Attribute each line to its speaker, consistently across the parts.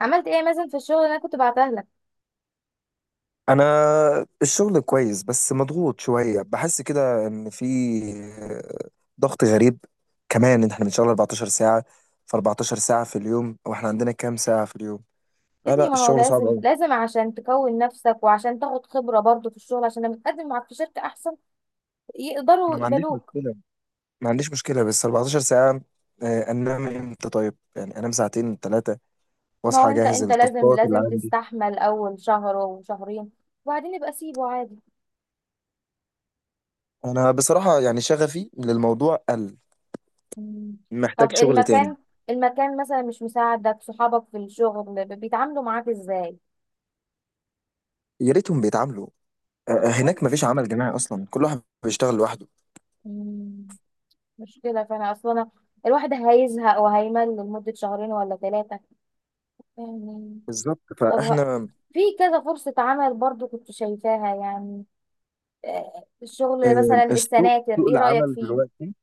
Speaker 1: عملت ايه مثلا في الشغل اللي انا كنت بعتها لك؟
Speaker 2: انا الشغل كويس، بس مضغوط شويه، بحس كده ان في ضغط غريب. كمان ان احنا بنشتغل 14 ساعه. ف 14 ساعه في اليوم، واحنا عندنا كام ساعه في اليوم؟
Speaker 1: يا
Speaker 2: لا
Speaker 1: ابني،
Speaker 2: لا،
Speaker 1: ما هو
Speaker 2: الشغل صعب
Speaker 1: لازم
Speaker 2: قوي.
Speaker 1: لازم عشان تكون نفسك وعشان تاخد خبرة برضو في الشغل، عشان لما تقدم معاك في شركة احسن
Speaker 2: انا
Speaker 1: يقدروا
Speaker 2: ما عنديش
Speaker 1: يقبلوك.
Speaker 2: مشكله، ما عنديش مشكله، بس 14 ساعه. انام امتى طيب؟ يعني انام ساعتين ثلاثه
Speaker 1: ما هو
Speaker 2: واصحى
Speaker 1: انت
Speaker 2: اجهز
Speaker 1: انت لازم
Speaker 2: التاسكات اللي
Speaker 1: لازم
Speaker 2: عندي.
Speaker 1: تستحمل اول شهر وشهرين وبعدين يبقى سيبه عادي.
Speaker 2: انا بصراحه يعني شغفي للموضوع قل،
Speaker 1: مم.
Speaker 2: محتاج
Speaker 1: طب
Speaker 2: شغل تاني.
Speaker 1: المكان مثلا مش مساعدك، صحابك في الشغل بيتعاملوا معاك ازاي؟
Speaker 2: يا ريتهم بيتعاملوا.
Speaker 1: اصلا.
Speaker 2: هناك مفيش عمل جماعي اصلا، كل واحد بيشتغل لوحده.
Speaker 1: مم. مشكلة، فانا اصلا الواحد هيزهق وهيمل لمدة شهرين ولا ثلاثة يعني.
Speaker 2: بالظبط،
Speaker 1: طب
Speaker 2: فاحنا
Speaker 1: في كذا فرصة عمل برضو كنت شايفاها، يعني الشغل
Speaker 2: آه،
Speaker 1: مثلا
Speaker 2: السوق
Speaker 1: السناتر
Speaker 2: سوق
Speaker 1: ايه رأيك
Speaker 2: العمل
Speaker 1: فيه؟
Speaker 2: دلوقتي،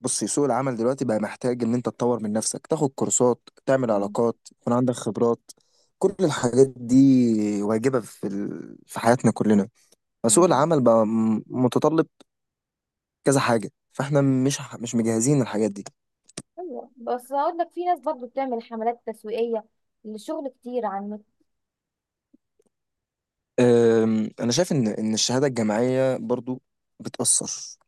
Speaker 2: بصي سوق العمل دلوقتي بقى محتاج ان انت تطور من نفسك، تاخد كورسات، تعمل
Speaker 1: مم.
Speaker 2: علاقات، يكون عندك خبرات. كل الحاجات دي واجبة في حياتنا كلنا. فسوق
Speaker 1: مم.
Speaker 2: العمل بقى متطلب كذا حاجة، فاحنا مش مجهزين الحاجات دي.
Speaker 1: ايوه، بس هقول لك في ناس برضو بتعمل حملات تسويقية لشغل كتير عن النت.
Speaker 2: انا شايف ان الشهادة الجامعية برضو بتأثر.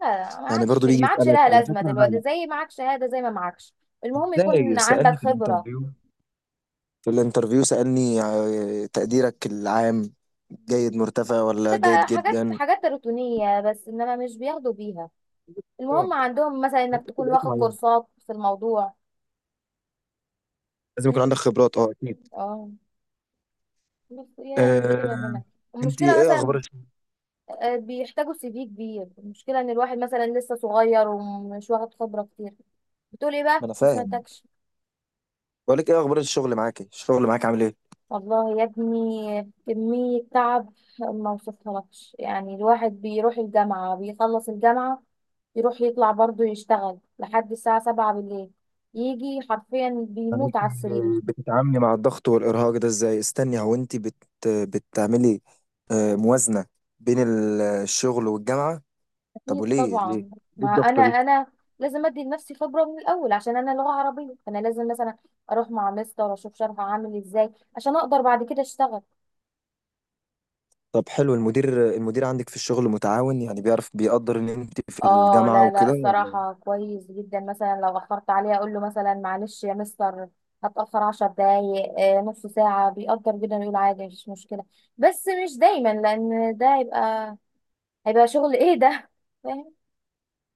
Speaker 1: لا، ما
Speaker 2: يعني
Speaker 1: عادش
Speaker 2: برضو بيجي
Speaker 1: ما عادش
Speaker 2: يسألك
Speaker 1: لها
Speaker 2: على
Speaker 1: لازمة
Speaker 2: فكرة. لا
Speaker 1: دلوقتي،
Speaker 2: لا،
Speaker 1: زي معاك شهادة زي ما معكش، المهم يكون
Speaker 2: ازاي؟
Speaker 1: عندك
Speaker 2: سألني في
Speaker 1: خبرة.
Speaker 2: الانترفيو، سألني تقديرك العام جيد مرتفع ولا جيد
Speaker 1: تبقى حاجات
Speaker 2: جدا.
Speaker 1: حاجات روتينية بس، انما مش بياخدوا بيها،
Speaker 2: اه،
Speaker 1: المهم عندهم مثلا انك تكون
Speaker 2: تبعات
Speaker 1: واخد
Speaker 2: معينة،
Speaker 1: كورسات في الموضوع.
Speaker 2: لازم يكون
Speaker 1: مم.
Speaker 2: عندك خبرات. اه، اكيد.
Speaker 1: اه بس هي المشكلة
Speaker 2: آه،
Speaker 1: هنا،
Speaker 2: انت
Speaker 1: المشكلة
Speaker 2: ايه اخبار
Speaker 1: مثلا
Speaker 2: الشغل؟
Speaker 1: بيحتاجوا سي في كبير، المشكله ان الواحد مثلا لسه صغير ومش واخد خبره كتير. بتقول ايه بقى؟
Speaker 2: ما انا
Speaker 1: ما
Speaker 2: فاهم،
Speaker 1: سمعتكش.
Speaker 2: بقول لك ايه اخبار الشغل معاك؟ إيه الشغل معاك عامل ايه؟
Speaker 1: والله يا ابني، كمية تعب ما وصفهالكش، يعني الواحد بيروح الجامعة بيخلص الجامعة يروح يطلع برضه يشتغل لحد الساعة 7 بالليل، يجي حرفيا
Speaker 2: يعني
Speaker 1: بيموت على
Speaker 2: انت
Speaker 1: السرير.
Speaker 2: بتتعاملي مع الضغط والارهاق ده ازاي؟ استني، هو انت بتعملي موازنة بين الشغل والجامعة؟ طب
Speaker 1: أكيد
Speaker 2: وليه؟ ليه
Speaker 1: طبعا.
Speaker 2: ليه
Speaker 1: ما أنا
Speaker 2: الضغطة دي؟
Speaker 1: أنا لازم أدي لنفسي خبرة من الأول، عشان أنا لغة عربية فأنا لازم مثلا أروح مع مستر أشوف شرح عامل إزاي عشان أقدر بعد كده أشتغل.
Speaker 2: طب حلو، المدير عندك في الشغل متعاون؟ يعني بيعرف، بيقدر ان انت في
Speaker 1: اه
Speaker 2: الجامعة
Speaker 1: لا لا،
Speaker 2: وكده ولا؟
Speaker 1: الصراحة كويس جدا، مثلا لو أخرت عليه أقول له مثلا معلش يا مستر، هتأخر 10 دقايق نص ساعة، بيقدر جدا يقول عادي مفيش مشكلة. بس مش دايما، لأن ده هيبقى شغل ايه ده فاهم؟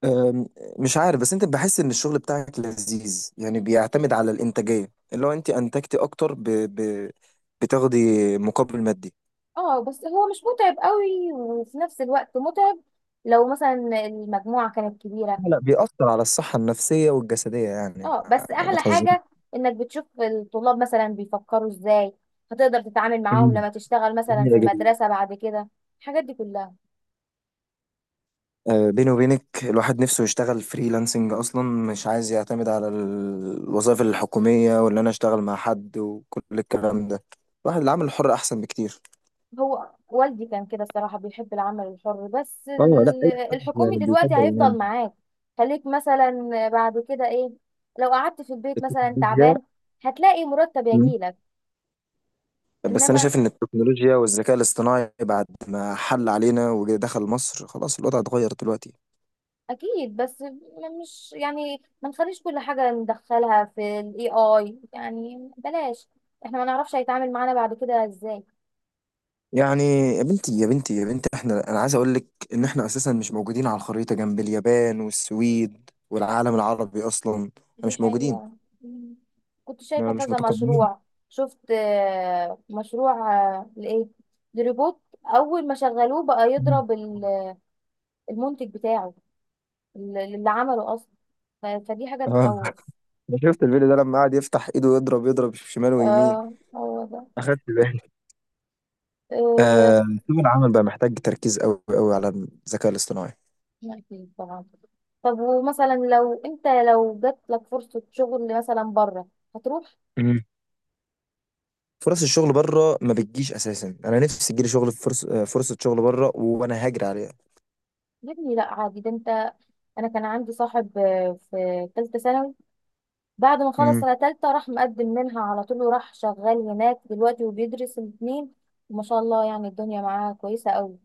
Speaker 2: أم، مش عارف، بس انت بحس ان الشغل بتاعك لذيذ؟ يعني بيعتمد على الانتاجية، اللي هو انت انتجتي اكتر بتاخدي مقابل مادي؟
Speaker 1: اه بس هو مش متعب قوي، وفي نفس الوقت متعب لو مثلا المجموعة كانت كبيرة.
Speaker 2: لا لا، بيأثر على الصحة النفسية والجسدية يعني،
Speaker 1: اه
Speaker 2: ما,
Speaker 1: بس
Speaker 2: ما ما
Speaker 1: أحلى
Speaker 2: تهزريش.
Speaker 1: حاجة إنك بتشوف الطلاب مثلا بيفكروا ازاي، هتقدر تتعامل معاهم
Speaker 2: مم.
Speaker 1: لما تشتغل مثلا في
Speaker 2: جميلة جدا.
Speaker 1: مدرسة بعد كده، الحاجات دي كلها.
Speaker 2: بيني وبينك الواحد نفسه يشتغل فريلانسنج اصلا، مش عايز يعتمد على الوظائف الحكوميه، ولا انا اشتغل مع حد وكل الكلام ده. الواحد العمل الحر احسن بكتير.
Speaker 1: هو والدي كان كده الصراحة بيحب العمل الحر، بس
Speaker 2: اه لا، اي حد
Speaker 1: الحكومي
Speaker 2: يعني
Speaker 1: دلوقتي
Speaker 2: بيفضل يعني
Speaker 1: هيفضل معاك، خليك مثلا بعد كده ايه، لو قعدت في البيت مثلا
Speaker 2: التكنولوجيا.
Speaker 1: تعبان هتلاقي مرتب
Speaker 2: مم.
Speaker 1: يجيلك.
Speaker 2: بس انا
Speaker 1: انما
Speaker 2: شايف ان التكنولوجيا والذكاء الاصطناعي بعد ما حل علينا ودخل مصر خلاص الوضع اتغير دلوقتي.
Speaker 1: اكيد، بس مش يعني ما نخليش كل حاجة ندخلها في الاي اي، يعني بلاش، احنا ما نعرفش هيتعامل معانا بعد كده ازاي.
Speaker 2: يعني يا بنتي يا بنتي يا بنتي، انا عايز اقول لك ان احنا اساسا مش موجودين على الخريطه جنب اليابان والسويد، والعالم العربي اصلا احنا
Speaker 1: دي
Speaker 2: مش موجودين.
Speaker 1: حقيقة. مم. كنت شايفة
Speaker 2: ما مش
Speaker 1: كذا
Speaker 2: متقدمين.
Speaker 1: مشروع، شفت مشروع، لإيه؟ لروبوت، أول ما شغلوه بقى
Speaker 2: مم.
Speaker 1: يضرب المنتج بتاعه اللي عمله أصلا، فدي حاجة
Speaker 2: اه،
Speaker 1: تخوف.
Speaker 2: انا شفت الفيديو ده لما قعد يفتح ايده يضرب يضرب شمال ويمين.
Speaker 1: اه هو ده.
Speaker 2: اخدت بالي.
Speaker 1: آه.
Speaker 2: آه. سوق العمل بقى محتاج تركيز قوي قوي على الذكاء الاصطناعي.
Speaker 1: أكيد طبعا. طب ومثلا لو جات لك فرصة شغل مثلا بره، هتروح؟
Speaker 2: مم. فرص الشغل بره ما بتجيش اساسا، انا نفسي تجيلي شغل، فرص فرصه شغل بره وانا هاجر عليها.
Speaker 1: يا ابني لا عادي، ده انت... انا كان عندي صاحب في ثالثة ثانوي، بعد ما خلص
Speaker 2: امم.
Speaker 1: سنة تالتة راح مقدم منها على طول، وراح شغال هناك دلوقتي وبيدرس الاتنين، وما شاء الله يعني الدنيا معاه كويسة قوي،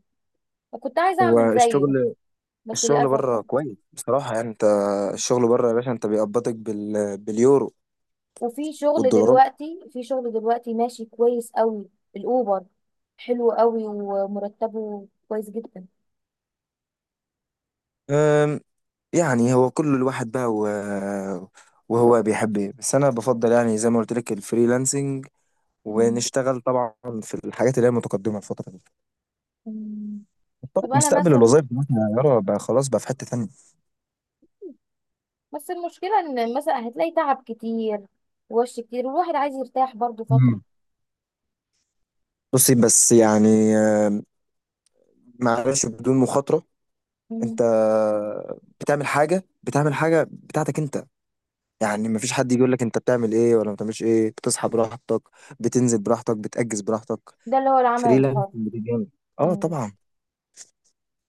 Speaker 1: كنت عايزة أعمل زيه
Speaker 2: والشغل،
Speaker 1: بس
Speaker 2: الشغل
Speaker 1: للأسف
Speaker 2: بره
Speaker 1: بقى.
Speaker 2: كويس بصراحه يعني. انت الشغل بره يا باشا انت بيقبضك باليورو
Speaker 1: وفي شغل
Speaker 2: والدولارات.
Speaker 1: دلوقتي في شغل دلوقتي ماشي كويس قوي، الأوبر حلو قوي ومرتبه كويس جدا.
Speaker 2: أم، يعني هو كل الواحد بقى وهو بيحب ايه. بس انا بفضل يعني زي ما قلت لك الفريلانسنج،
Speaker 1: مم.
Speaker 2: ونشتغل طبعا في الحاجات اللي هي متقدمه الفتره دي.
Speaker 1: مم.
Speaker 2: طبعا
Speaker 1: طب أنا
Speaker 2: مستقبل
Speaker 1: مثلا،
Speaker 2: الوظائف دلوقتي يا يارا بقى خلاص بقى في حته ثانيه.
Speaker 1: بس المشكلة إن مثلا هتلاقي تعب كتير ووش كتير، والواحد عايز يرتاح برضو فترة.
Speaker 2: مم. بصي بس يعني، معلش، بدون مخاطره
Speaker 1: مم.
Speaker 2: انت بتعمل حاجه بتاعتك انت، يعني مفيش حد يجي يقول لك انت بتعمل ايه ولا ما بتعملش ايه. بتصحى براحتك، بتنزل براحتك، بتأجز براحتك.
Speaker 1: ده اللي هو العمل
Speaker 2: فريلانسنج
Speaker 1: الحر.
Speaker 2: بتجاني. اه
Speaker 1: مم.
Speaker 2: طبعا.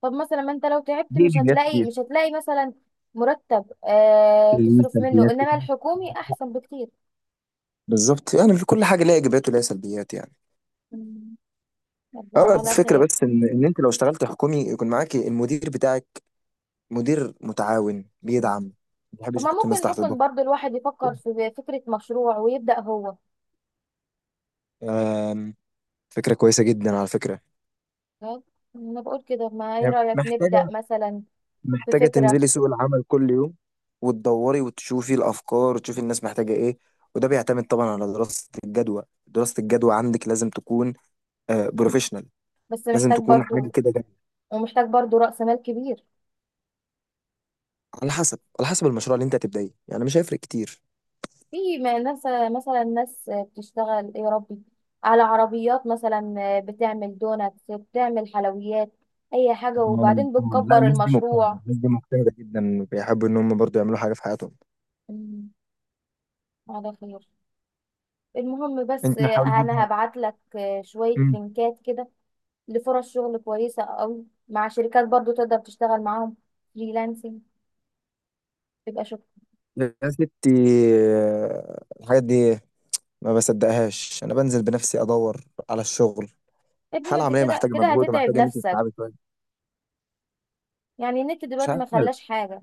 Speaker 1: طب مثلا ما انت لو تعبت
Speaker 2: دي
Speaker 1: مش هتلاقي
Speaker 2: ايجابيات،
Speaker 1: مش هتلاقي مثلا مرتب
Speaker 2: ليه
Speaker 1: تصرف منه،
Speaker 2: سلبيات
Speaker 1: انما
Speaker 2: كتير.
Speaker 1: الحكومي احسن بكتير.
Speaker 2: بالظبط، يعني في كل حاجه ليها ايجابيات وليها سلبيات يعني.
Speaker 1: مم. الله
Speaker 2: اه،
Speaker 1: على
Speaker 2: الفكره
Speaker 1: خير.
Speaker 2: بس ان انت لو اشتغلت حكومي يكون معاك المدير بتاعك، مدير متعاون بيدعم،
Speaker 1: مم.
Speaker 2: ما
Speaker 1: طب
Speaker 2: بيحبش
Speaker 1: ما
Speaker 2: يحط الناس
Speaker 1: ممكن
Speaker 2: تحت
Speaker 1: ممكن
Speaker 2: ضغط.
Speaker 1: برضو الواحد يفكر في فكرة مشروع ويبدأ هو،
Speaker 2: آم، فكره كويسه جدا على فكره.
Speaker 1: فاهم؟ انا بقول كده، ما ايه
Speaker 2: يعني
Speaker 1: رأيك نبدأ مثلا
Speaker 2: محتاجه
Speaker 1: بفكرة؟
Speaker 2: تنزلي سوق العمل كل يوم، وتدوري وتشوفي الافكار، وتشوفي الناس محتاجه ايه. وده بيعتمد طبعا على دراسه الجدوى، عندك لازم تكون بروفيشنال،
Speaker 1: بس
Speaker 2: لازم
Speaker 1: محتاج
Speaker 2: تكون حاجه
Speaker 1: برضو،
Speaker 2: كده.
Speaker 1: ومحتاج برضو رأس مال كبير.
Speaker 2: على حسب المشروع اللي انت هتبدأيه، يعني مش هيفرق كتير.
Speaker 1: في ناس، مثلا ناس بتشتغل إيه يا ربي، على عربيات مثلا بتعمل دونات، بتعمل حلويات، اي حاجة،
Speaker 2: آه،
Speaker 1: وبعدين
Speaker 2: لا،
Speaker 1: بتكبر
Speaker 2: الناس دي مجتهدة،
Speaker 1: المشروع.
Speaker 2: الناس دي مجتهدة جدا، بيحبوا ان هم برضو يعملوا حاجة في حياتهم.
Speaker 1: مم. على خير. المهم بس،
Speaker 2: انت حاول
Speaker 1: انا
Speaker 2: برضو.
Speaker 1: هبعت لك شوية
Speaker 2: مم.
Speaker 1: لينكات كده لفرص شغل كويسة قوي، مع شركات برضو تقدر تشتغل معاهم فريلانسنج، تبقى شغل.
Speaker 2: يا ستي، الحاجات دي ما بصدقهاش، انا بنزل بنفسي ادور على الشغل.
Speaker 1: ابني ما
Speaker 2: حالة
Speaker 1: انت
Speaker 2: عملية
Speaker 1: كده
Speaker 2: محتاجة
Speaker 1: كده
Speaker 2: مجهود،
Speaker 1: هتتعب
Speaker 2: ومحتاجة ان انت
Speaker 1: نفسك،
Speaker 2: تتعبي شوية.
Speaker 1: يعني النت
Speaker 2: مش
Speaker 1: دلوقتي ما
Speaker 2: عارف،
Speaker 1: خلاش حاجة.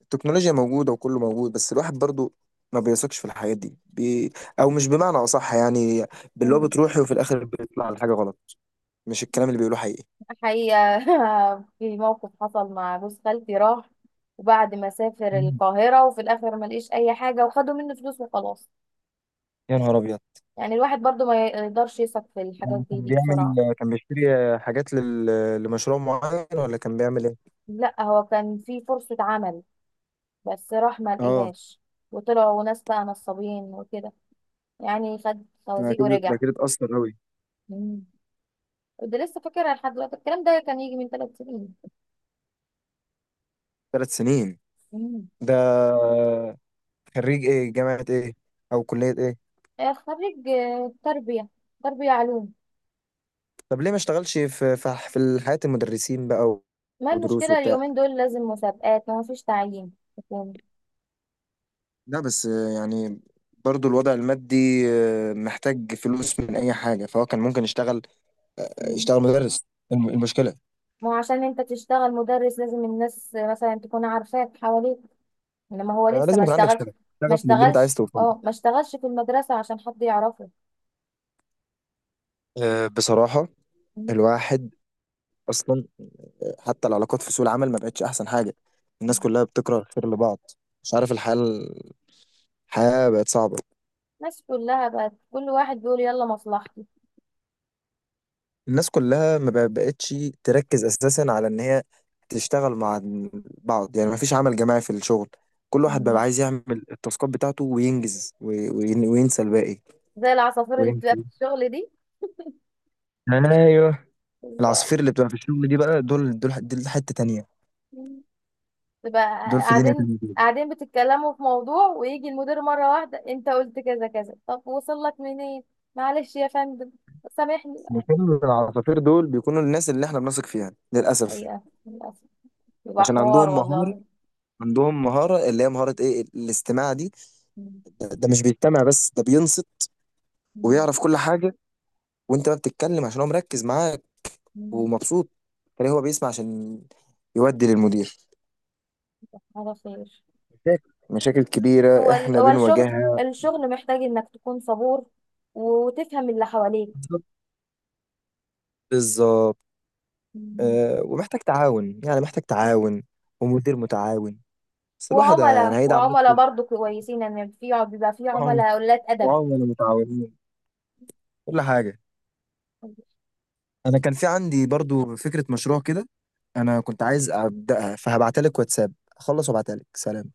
Speaker 2: التكنولوجيا موجودة وكله موجود، بس الواحد برضو ما بيثقش في الحاجات دي او مش، بمعنى اصح يعني، باللي هو بتروحي وفي الاخر بيطلع الحاجة غلط، مش الكلام
Speaker 1: مم.
Speaker 2: اللي بيقولوه حقيقي.
Speaker 1: حقيقة في موقف حصل مع جوز خالتي، راح وبعد ما سافر القاهرة وفي الآخر ما لقيش أي حاجة، وخدوا منه فلوس وخلاص،
Speaker 2: يا نهار ابيض.
Speaker 1: يعني الواحد برضو ما يقدرش يثق في الحاجات
Speaker 2: يعني
Speaker 1: دي, دي بسرعة.
Speaker 2: كان بيشتري حاجات لمشروع معين، ولا كان بيعمل ايه؟
Speaker 1: لا هو كان في فرصة عمل بس راح ما
Speaker 2: اه،
Speaker 1: لقيهاش، وطلعوا ناس بقى نصابين وكده، يعني خد
Speaker 2: ده
Speaker 1: خوازيق
Speaker 2: اكيد ده
Speaker 1: ورجع.
Speaker 2: اكيد اتأثر أوي.
Speaker 1: مم. كنت لسه فاكرها لحد دلوقتي، الكلام ده كان يجي من 3 سنين.
Speaker 2: 3 سنين.
Speaker 1: مم.
Speaker 2: ده خريج ايه، جامعة ايه او كلية ايه؟
Speaker 1: خريج تربية، تربية علوم.
Speaker 2: طب ليه ما اشتغلش في حياة المدرسين بقى
Speaker 1: ما
Speaker 2: ودروس
Speaker 1: المشكلة
Speaker 2: وبتاع؟
Speaker 1: اليومين دول لازم مسابقات، ما فيش تعيين حكومي.
Speaker 2: لا بس يعني برضو الوضع المادي، محتاج فلوس من اي حاجة، فهو كان ممكن
Speaker 1: مم.
Speaker 2: يشتغل مدرس. المشكلة،
Speaker 1: ما هو عشان انت تشتغل مدرس لازم الناس مثلا تكون عارفاك حواليك، انما هو لسه
Speaker 2: لازم
Speaker 1: ما
Speaker 2: يكون عندك
Speaker 1: اشتغلش،
Speaker 2: شغف،
Speaker 1: ما
Speaker 2: شغف للي انت عايز
Speaker 1: اشتغلش
Speaker 2: توصله.
Speaker 1: اه ما اشتغلش في المدرسة عشان حد يعرفه.
Speaker 2: بصراحة
Speaker 1: مم.
Speaker 2: الواحد اصلا حتى العلاقات في سوق العمل ما بقتش احسن حاجه. الناس كلها بتكره الخير لبعض. مش عارف، الحياه بقت صعبه.
Speaker 1: الناس كلها بقت كل واحد بيقول يلا مصلحتي.
Speaker 2: الناس كلها ما بقتش تركز اساسا على ان هي تشتغل مع بعض، يعني ما فيش عمل جماعي في الشغل. كل واحد بقى
Speaker 1: مم.
Speaker 2: عايز يعمل التاسكات بتاعته وينجز وينسى الباقي
Speaker 1: زي العصافير اللي
Speaker 2: ويمشي.
Speaker 1: بتبقى في الشغل دي،
Speaker 2: ايوه،
Speaker 1: بالظبط.
Speaker 2: العصافير اللي بتبقى في الشغل دي بقى دول دول دول حته تانيه،
Speaker 1: تبقى
Speaker 2: دول في دنيا
Speaker 1: قاعدين
Speaker 2: تانيه دول.
Speaker 1: قاعدين بتتكلموا في موضوع ويجي المدير مرة واحدة، انت قلت كذا كذا، طب وصل لك منين؟ معلش يا فندم، سامحني.
Speaker 2: مش كل العصافير دول بيكونوا الناس اللي احنا بنثق فيها للاسف.
Speaker 1: ايوه للأسف، يبقى
Speaker 2: عشان
Speaker 1: حوار
Speaker 2: عندهم مهارة،
Speaker 1: والله.
Speaker 2: عندهم مهارة، اللي هي مهارة ايه؟ الاستماع دي.
Speaker 1: مم.
Speaker 2: ده مش بيستمع بس، ده بينصت
Speaker 1: مم.
Speaker 2: ويعرف كل حاجة. وانت ما بتتكلم عشان هو مركز معاك
Speaker 1: مم.
Speaker 2: ومبسوط. تلاقيه هو بيسمع عشان يودي للمدير
Speaker 1: على خير.
Speaker 2: مشاكل. مشاكل
Speaker 1: هو
Speaker 2: كبيرة احنا
Speaker 1: الشغل،
Speaker 2: بنواجهها.
Speaker 1: الشغل محتاج انك تكون صبور وتفهم اللي حواليك.
Speaker 2: بالظبط. بالظبط.
Speaker 1: مم.
Speaker 2: أه، ومحتاج تعاون يعني، محتاج تعاون ومدير متعاون، بس الواحد يعني
Speaker 1: وعملاء
Speaker 2: هيدعم
Speaker 1: وعملاء
Speaker 2: نفسه.
Speaker 1: برضو كويسين، ان في بيبقى في
Speaker 2: وعم-
Speaker 1: عملاء قلات
Speaker 2: وعملاء متعاونين، كل حاجة.
Speaker 1: ادب.
Speaker 2: انا كان في عندي برضو فكرة مشروع كده، انا كنت عايز ابدأها. فهبعتلك واتساب اخلص وابعتلك، سلام.